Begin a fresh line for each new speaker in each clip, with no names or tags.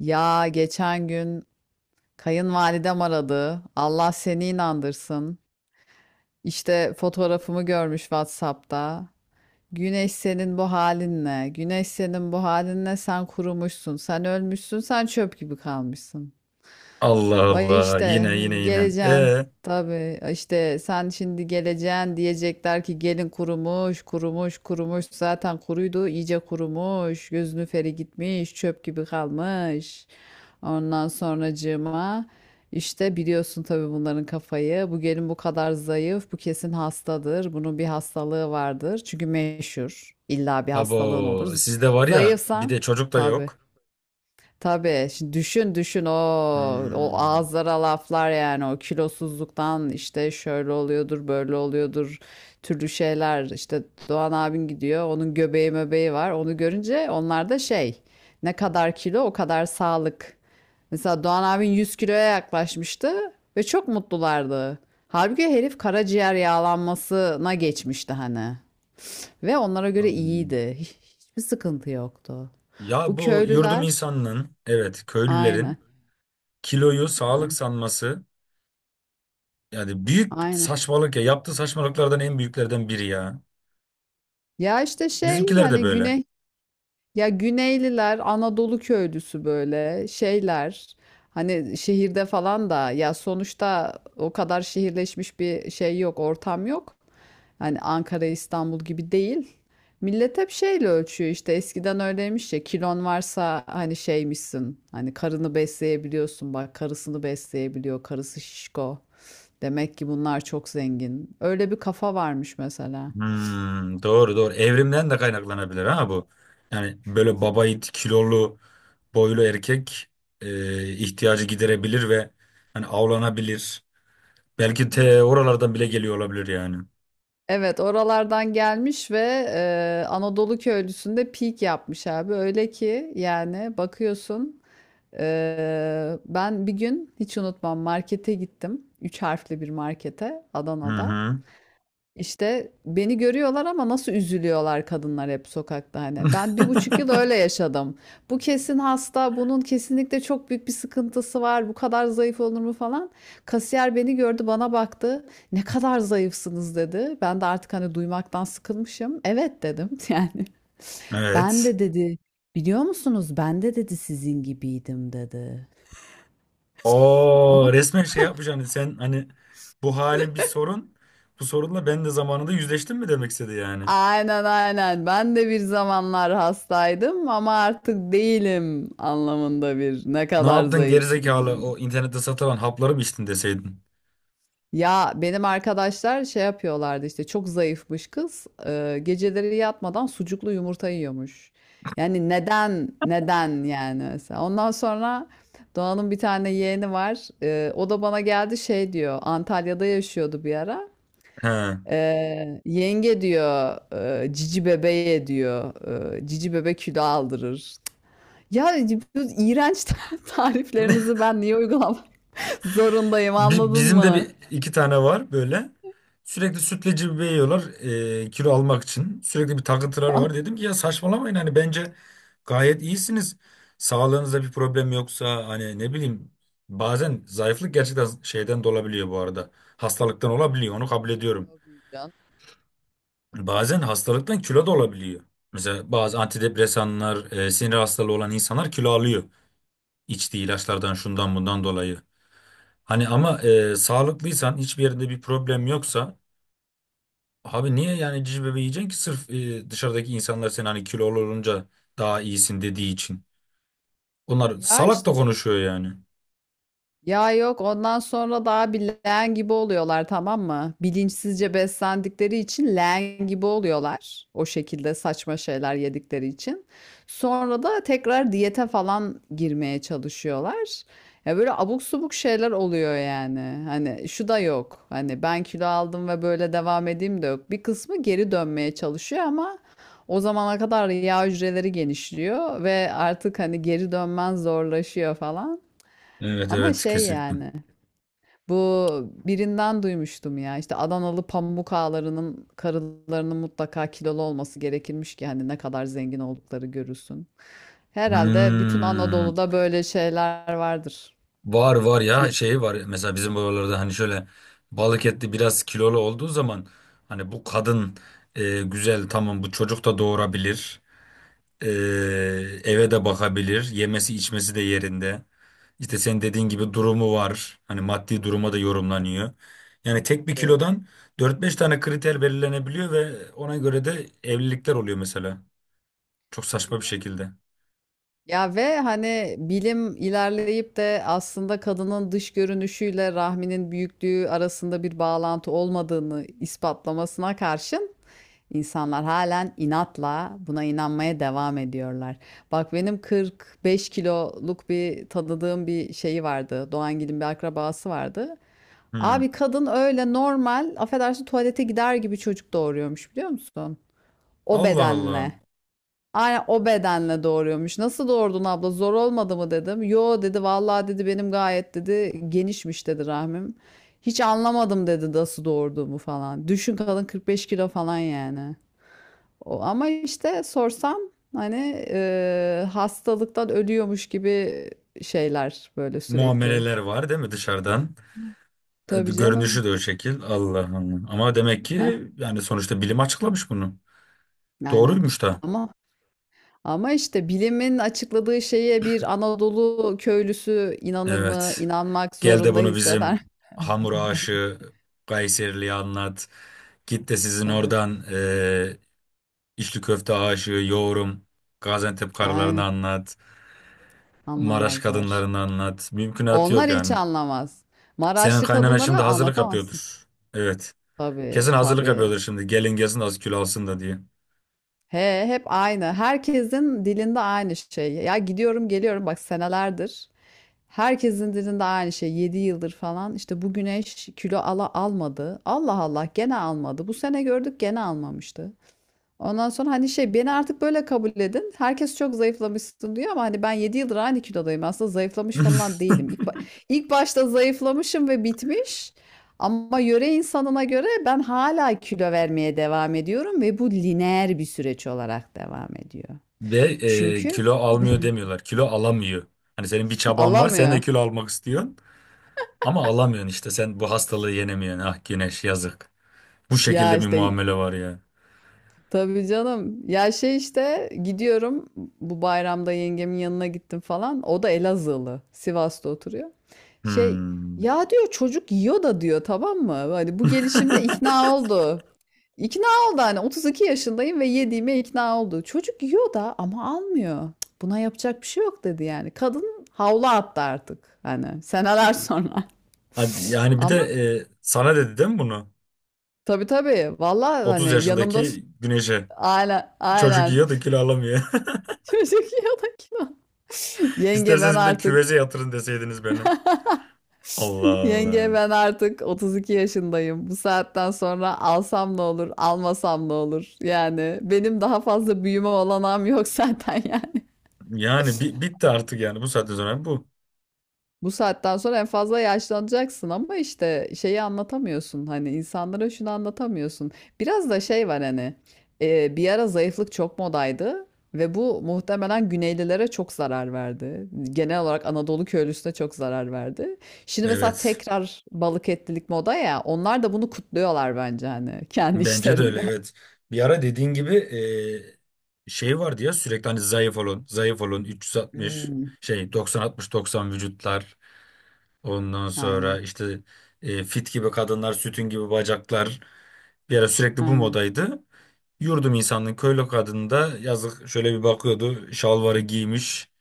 Ya geçen gün kayınvalidem aradı. Allah seni inandırsın. İşte fotoğrafımı görmüş WhatsApp'ta. Güneş senin bu halinle, güneş senin bu halinle sen kurumuşsun, sen ölmüşsün, sen çöp gibi kalmışsın.
Allah
Vay
Allah,
işte
yine.
geleceğin. Tabii işte sen şimdi geleceğin, diyecekler ki gelin kurumuş, kurumuş, kurumuş. Zaten kuruydu, iyice kurumuş. Gözünü feri gitmiş, çöp gibi kalmış. Ondan sonracığıma işte biliyorsun tabii bunların kafayı. Bu gelin bu kadar zayıf, bu kesin hastadır. Bunun bir hastalığı vardır. Çünkü meşhur. İlla bir hastalığın olur.
Abo sizde var ya, bir
Zayıfsan
de çocuk da
tabii.
yok.
Tabii. Şimdi düşün düşün o
Hmm,
ağızlara laflar, yani o kilosuzluktan işte şöyle oluyordur böyle oluyordur türlü şeyler. İşte Doğan abin gidiyor, onun göbeği möbeği var, onu görünce onlar da şey, ne kadar kilo o kadar sağlık. Mesela Doğan abin 100 kiloya yaklaşmıştı ve çok mutlulardı. Halbuki herif karaciğer yağlanmasına geçmişti hani ve onlara göre
hmm.
iyiydi. Hiçbir sıkıntı yoktu.
Ya
Bu
bu yurdum
köylüler.
insanının, evet,
Aynen.
köylülerin kiloyu sağlık
Aynen.
sanması yani büyük
Aynen.
saçmalık ya, yaptığı saçmalıklardan en büyüklerden biri ya.
Ya işte şey,
Bizimkiler de
hani
böyle.
güney, ya Güneyliler Anadolu köylüsü böyle şeyler. Hani şehirde falan da ya, sonuçta o kadar şehirleşmiş bir şey yok, ortam yok. Hani Ankara İstanbul gibi değil. Millet hep şeyle ölçüyor. İşte eskiden öyleymiş ya, kilon varsa hani şeymişsin, hani karını besleyebiliyorsun, bak karısını besleyebiliyor, karısı şişko. Demek ki bunlar çok zengin. Öyle bir kafa varmış mesela.
Hmm, doğru doğru, evrimden de kaynaklanabilir ha bu. Yani böyle babayit, kilolu, boylu erkek ihtiyacı giderebilir ve hani avlanabilir. Belki te oralardan bile geliyor olabilir yani.
Evet, oralardan gelmiş ve Anadolu köylüsünde peak yapmış abi. Öyle ki yani bakıyorsun, ben bir gün hiç unutmam markete gittim. Üç harfli bir markete,
Hı
Adana'da.
hı.
İşte beni görüyorlar ama nasıl üzülüyorlar kadınlar, hep sokakta hani. Ben bir buçuk yıl öyle yaşadım. Bu kesin hasta, bunun kesinlikle çok büyük bir sıkıntısı var. Bu kadar zayıf olur mu falan. Kasiyer beni gördü, bana baktı. Ne kadar zayıfsınız dedi. Ben de artık hani duymaktan sıkılmışım. Evet dedim yani. Ben
Evet.
de dedi, biliyor musunuz? Ben de dedi sizin gibiydim dedi.
O resmen şey yapmış, hani sen hani bu halin bir sorun. Bu sorunla ben de zamanında yüzleştim mi demek istedi yani.
Aynen aynen. Ben de bir zamanlar hastaydım ama artık değilim anlamında bir ne
Ne
kadar
yaptın
zayıfsınız.
gerizekalı, o internette satılan hapları mı içtin deseydin.
Ya benim arkadaşlar şey yapıyorlardı, işte çok zayıfmış kız, geceleri yatmadan sucuklu yumurta yiyormuş. Yani neden neden yani mesela. Ondan sonra Doğan'ın bir tane yeğeni var. O da bana geldi, şey diyor. Antalya'da yaşıyordu bir ara.
He.
Yenge diyor, cici bebeğe diyor, cici bebek kilo aldırır. Ya, bu iğrenç tariflerinizi ben niye uygulamak zorundayım, anladın
Bizim de
mı?
bir iki tane var böyle. Sürekli sütleci bir yiyorlar kilo almak için. Sürekli bir takıntıları var. Dedim ki ya saçmalamayın, hani bence gayet iyisiniz. Sağlığınızda bir problem yoksa, hani ne bileyim, bazen zayıflık gerçekten şeyden de olabiliyor bu arada. Hastalıktan olabiliyor, onu kabul ediyorum.
Tabii canım, tabii
Bazen
canım.
hastalıktan kilo da olabiliyor. Mesela bazı antidepresanlar, sinir hastalığı olan insanlar kilo alıyor. İçtiği ilaçlardan,
Tabii
şundan bundan dolayı. Hani ama
doğru.
sağlıklıysan, hiçbir yerinde bir problem yoksa abi niye yani cici bebeği yiyeceksin ki sırf dışarıdaki insanlar seni hani kilolu olunca daha iyisin dediği için. Onlar
Ya
salak
işte,
da konuşuyor yani.
ya yok, ondan sonra daha bir leğen gibi oluyorlar, tamam mı? Bilinçsizce beslendikleri için leğen gibi oluyorlar. O şekilde saçma şeyler yedikleri için. Sonra da tekrar diyete falan girmeye çalışıyorlar. Ya böyle abuk subuk şeyler oluyor yani. Hani şu da yok. Hani ben kilo aldım ve böyle devam edeyim de yok. Bir kısmı geri dönmeye çalışıyor ama o zamana kadar yağ hücreleri genişliyor ve artık hani geri dönmen zorlaşıyor falan.
Evet
Ama
evet,
şey
kesinlikle.
yani, bu, birinden duymuştum ya, işte Adanalı pamuk ağalarının karılarının mutlaka kilolu olması gerekirmiş ki hani ne kadar zengin oldukları görülsün. Herhalde bütün
Hmm.
Anadolu'da böyle şeyler vardır
Var var
diye.
ya, şey var mesela bizim buralarda, hani şöyle balık etli biraz kilolu olduğu zaman hani bu kadın güzel, tamam, bu çocuk da doğurabilir. Ee,
Hmm,
Eve de bakabilir. Yemesi içmesi de yerinde. İşte senin dediğin gibi durumu var. Hani maddi duruma da yorumlanıyor. Yani tek bir
tabii.
kilodan dört beş tane kriter belirlenebiliyor ve ona göre de evlilikler oluyor mesela. Çok
Tabii
saçma bir
canım.
şekilde.
Ya ve hani bilim ilerleyip de aslında kadının dış görünüşüyle rahminin büyüklüğü arasında bir bağlantı olmadığını ispatlamasına karşın insanlar halen inatla buna inanmaya devam ediyorlar. Bak benim 45 kiloluk bir tanıdığım bir şeyi vardı. Doğangil'in bir akrabası vardı.
Hmm.
Abi kadın öyle normal, affedersin tuvalete gider gibi çocuk doğuruyormuş, biliyor musun? O
Allah Allah.
bedenle. Aynen o bedenle doğuruyormuş. Nasıl doğurdun abla? Zor olmadı mı dedim. Yo dedi, vallahi dedi benim gayet dedi genişmiş dedi rahmim. Hiç anlamadım dedi nasıl doğurduğumu falan. Düşün kadın 45 kilo falan yani. O, ama işte sorsam hani hastalıktan ölüyormuş gibi şeyler böyle sürekli.
Muameleler var değil mi dışarıdan?
Tabii canım.
Görünüşü de o şekil. Allah Allah. Ama demek
Eh,
ki yani sonuçta bilim açıklamış bunu.
aynen.
Doğruymuş da.
Ama Ama işte bilimin açıkladığı şeye bir Anadolu köylüsü inanır mı?
Evet.
İnanmak
Gel de
zorunda
bunu
hisseder.
bizim hamur aşığı Kayserili'ye anlat. Git de sizin
Tabii.
oradan içli köfte aşığı yoğurum Gaziantep karılarını
Aynen.
anlat. Maraş
Anlamazlar.
kadınlarını anlat. Mümkünatı yok
Onlar hiç
yani.
anlamaz.
Senin
Maraşlı
kaynana şimdi
kadınlara
hazırlık
anlatamazsın.
yapıyordur. Evet.
Tabii,
Kesin hazırlık
tabii.
yapıyordur şimdi. Gelin gelsin az kilo alsın da diye.
He, hep aynı. Herkesin dilinde aynı şey. Ya gidiyorum geliyorum bak senelerdir. Herkesin dilinde aynı şey. 7 yıldır falan. İşte bu güneş kilo ala almadı. Allah Allah gene almadı. Bu sene gördük gene almamıştı. Ondan sonra hani şey, beni artık böyle kabul edin. Herkes çok zayıflamışsın diyor ama hani ben 7 yıldır aynı kilodayım. Aslında zayıflamış falan değilim. İlk başta zayıflamışım ve bitmiş. Ama yöre insanına göre ben hala kilo vermeye devam ediyorum ve bu lineer bir süreç olarak devam ediyor.
Ve
Çünkü
kilo almıyor demiyorlar. Kilo alamıyor. Hani senin bir çaban var, sen de
alamıyor.
kilo almak istiyorsun. Ama alamıyorsun, işte sen bu hastalığı yenemiyorsun. Ah Güneş, yazık. Bu
Ya
şekilde bir
işte,
muamele var ya.
tabii canım. Ya şey işte gidiyorum, bu bayramda yengemin yanına gittim falan. O da Elazığlı. Sivas'ta oturuyor. Şey,
Hmm.
ya diyor çocuk yiyor da diyor, tamam mı? Hani bu gelişimde ikna oldu. İkna oldu, hani 32 yaşındayım ve yediğime ikna oldu. Çocuk yiyor da ama almıyor. Cık, buna yapacak bir şey yok dedi yani. Kadın havlu attı artık hani, seneler sonra.
Hadi yani, bir de
Ama
sana dedi değil mi bunu?
tabii tabii valla hani
30
yanımda
yaşındaki Güneş'e.
aynen
Çocuk
aynen.
yiyor da kilo alamıyor.
Çocuk yanakına. Yenge ben
İsterseniz bir de
artık
küveze yatırın deseydiniz beni. Allah
Yenge
Allah.
ben artık 32 yaşındayım. Bu saatten sonra alsam ne olur, almasam ne olur? Yani benim daha fazla büyüme olanağım yok zaten yani.
Yani bitti artık yani bu saatten sonra bu.
Bu saatten sonra en fazla yaşlanacaksın ama işte şeyi anlatamıyorsun, hani insanlara şunu anlatamıyorsun. Biraz da şey var hani, bir ara zayıflık çok modaydı ve bu muhtemelen Güneylilere çok zarar verdi. Genel olarak Anadolu köylüsüne çok zarar verdi. Şimdi mesela
Evet.
tekrar balık etlilik moda ya, onlar da bunu kutluyorlar bence hani kendi
Bence de öyle,
işlerinde.
evet. Bir ara dediğin gibi şey vardı ya, sürekli hani zayıf olun, zayıf olun, 360
Hmm,
şey, 90 60 90 vücutlar. Ondan
aynen
sonra işte fit gibi kadınlar, sütün gibi bacaklar, bir ara sürekli bu
aynen.
modaydı. Yurdum insanın köylü kadını da yazık şöyle bir bakıyordu. Şalvarı giymiş.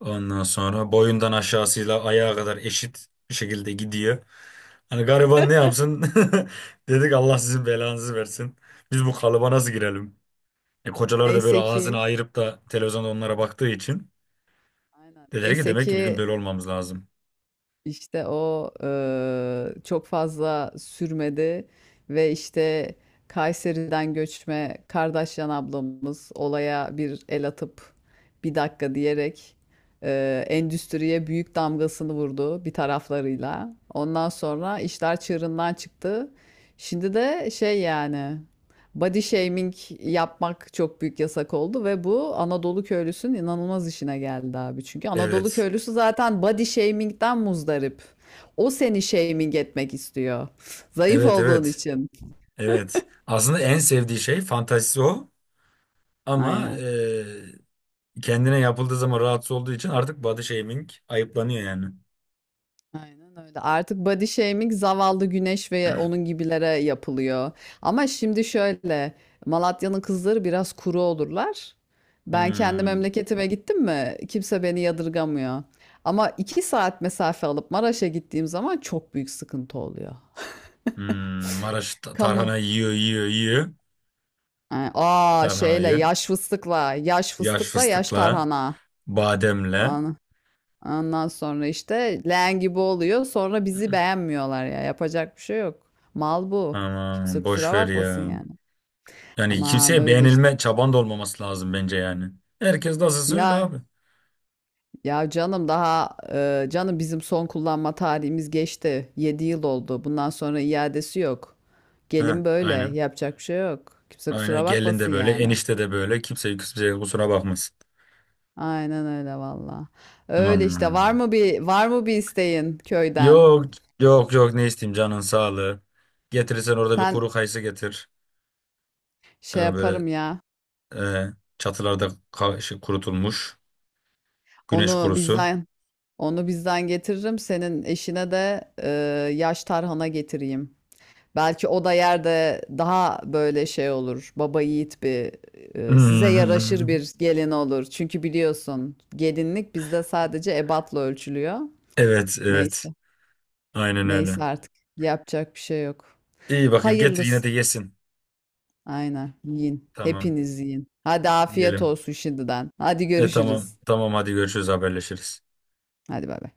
Ondan sonra boyundan aşağısıyla ayağa kadar eşit bir şekilde gidiyor. Hani gariban ne yapsın? Dedik Allah sizin belanızı versin. Biz bu kalıba nasıl girelim? Kocalar da böyle
Neyse
ağzını
ki.
ayırıp da televizyonda onlara baktığı için
Aynen.
dediler ki
Neyse
demek ki bizim
ki.
böyle olmamız lazım.
İşte o çok fazla sürmedi ve işte Kayseri'den göçme Kardeşyan ablamız olaya bir el atıp, bir dakika diyerek, endüstriye büyük damgasını vurdu bir taraflarıyla. Ondan sonra işler çığırından çıktı. Şimdi de şey yani, body shaming yapmak çok büyük yasak oldu ve bu Anadolu köylüsünün inanılmaz işine geldi abi. Çünkü Anadolu
Evet.
köylüsü zaten body shaming'den muzdarip. O seni shaming etmek istiyor. Zayıf
Evet
olduğun
evet.
için.
Evet. Aslında en sevdiği şey fantazisi o. Ama
Aynen.
kendine yapıldığı zaman rahatsız olduğu için artık body shaming ayıplanıyor yani.
Aynen öyle. Artık body shaming zavallı Güneş ve onun gibilere yapılıyor. Ama şimdi şöyle, Malatya'nın kızları biraz kuru olurlar. Ben kendi
Hmm.
memleketime gittim mi kimse beni yadırgamıyor. Ama iki saat mesafe alıp Maraş'a gittiğim zaman çok büyük sıkıntı oluyor.
Hmm. Maraş
Kamu.
tarhana yiyor yiyor yiyor.
Ha, aa şeyle
Tarhanayı.
yaş fıstıkla, yaş
Yaş
fıstıkla yaş
fıstıkla.
tarhana.
Bademle.
Ana. Ondan sonra işte leğen gibi oluyor. Sonra bizi beğenmiyorlar ya. Yapacak bir şey yok. Mal bu. Kimse
Aman boş
kusura
ver
bakmasın
ya.
yani.
Yani
Aman
kimseye
öyle işte.
beğenilme çaban da olmaması lazım bence yani. Herkes nasılsa öyle
Ya
abi.
ya canım, daha canım bizim son kullanma tarihimiz geçti. Yedi yıl oldu. Bundan sonra iadesi yok.
Heh,
Gelin böyle.
aynen.
Yapacak bir şey yok. Kimse
Aynen
kusura
gelin
bakmasın
de böyle,
yani.
enişte de böyle, kimse kimseye kusura bakmasın.
Aynen öyle valla. Öyle işte,
Aman.
var mı bir isteğin köyden?
Yok yok yok, ne isteyeyim, canın sağlığı. Getirirsen orada bir
Sen
kuru kayısı getir.
şey
Böyle
yaparım ya.
e, çatılarda kurutulmuş güneş
Onu
kurusu.
bizden Onu bizden getiririm. Senin eşine de yaş tarhana getireyim. Belki o da yerde daha böyle şey olur. Baba yiğit bir, size yaraşır
Hmm,
bir gelin olur. Çünkü biliyorsun gelinlik bizde sadece ebatla ölçülüyor.
evet evet,
Neyse.
aynen öyle.
Neyse artık. Yapacak bir şey yok.
İyi, bakayım getir, yine
Hayırlısı.
de yesin.
Aynen. Yiyin.
Tamam,
Hepiniz yiyin. Hadi afiyet
yiyelim.
olsun şimdiden. Hadi
Tamam
görüşürüz.
tamam, hadi görüşürüz, haberleşiriz.
Hadi bay bay.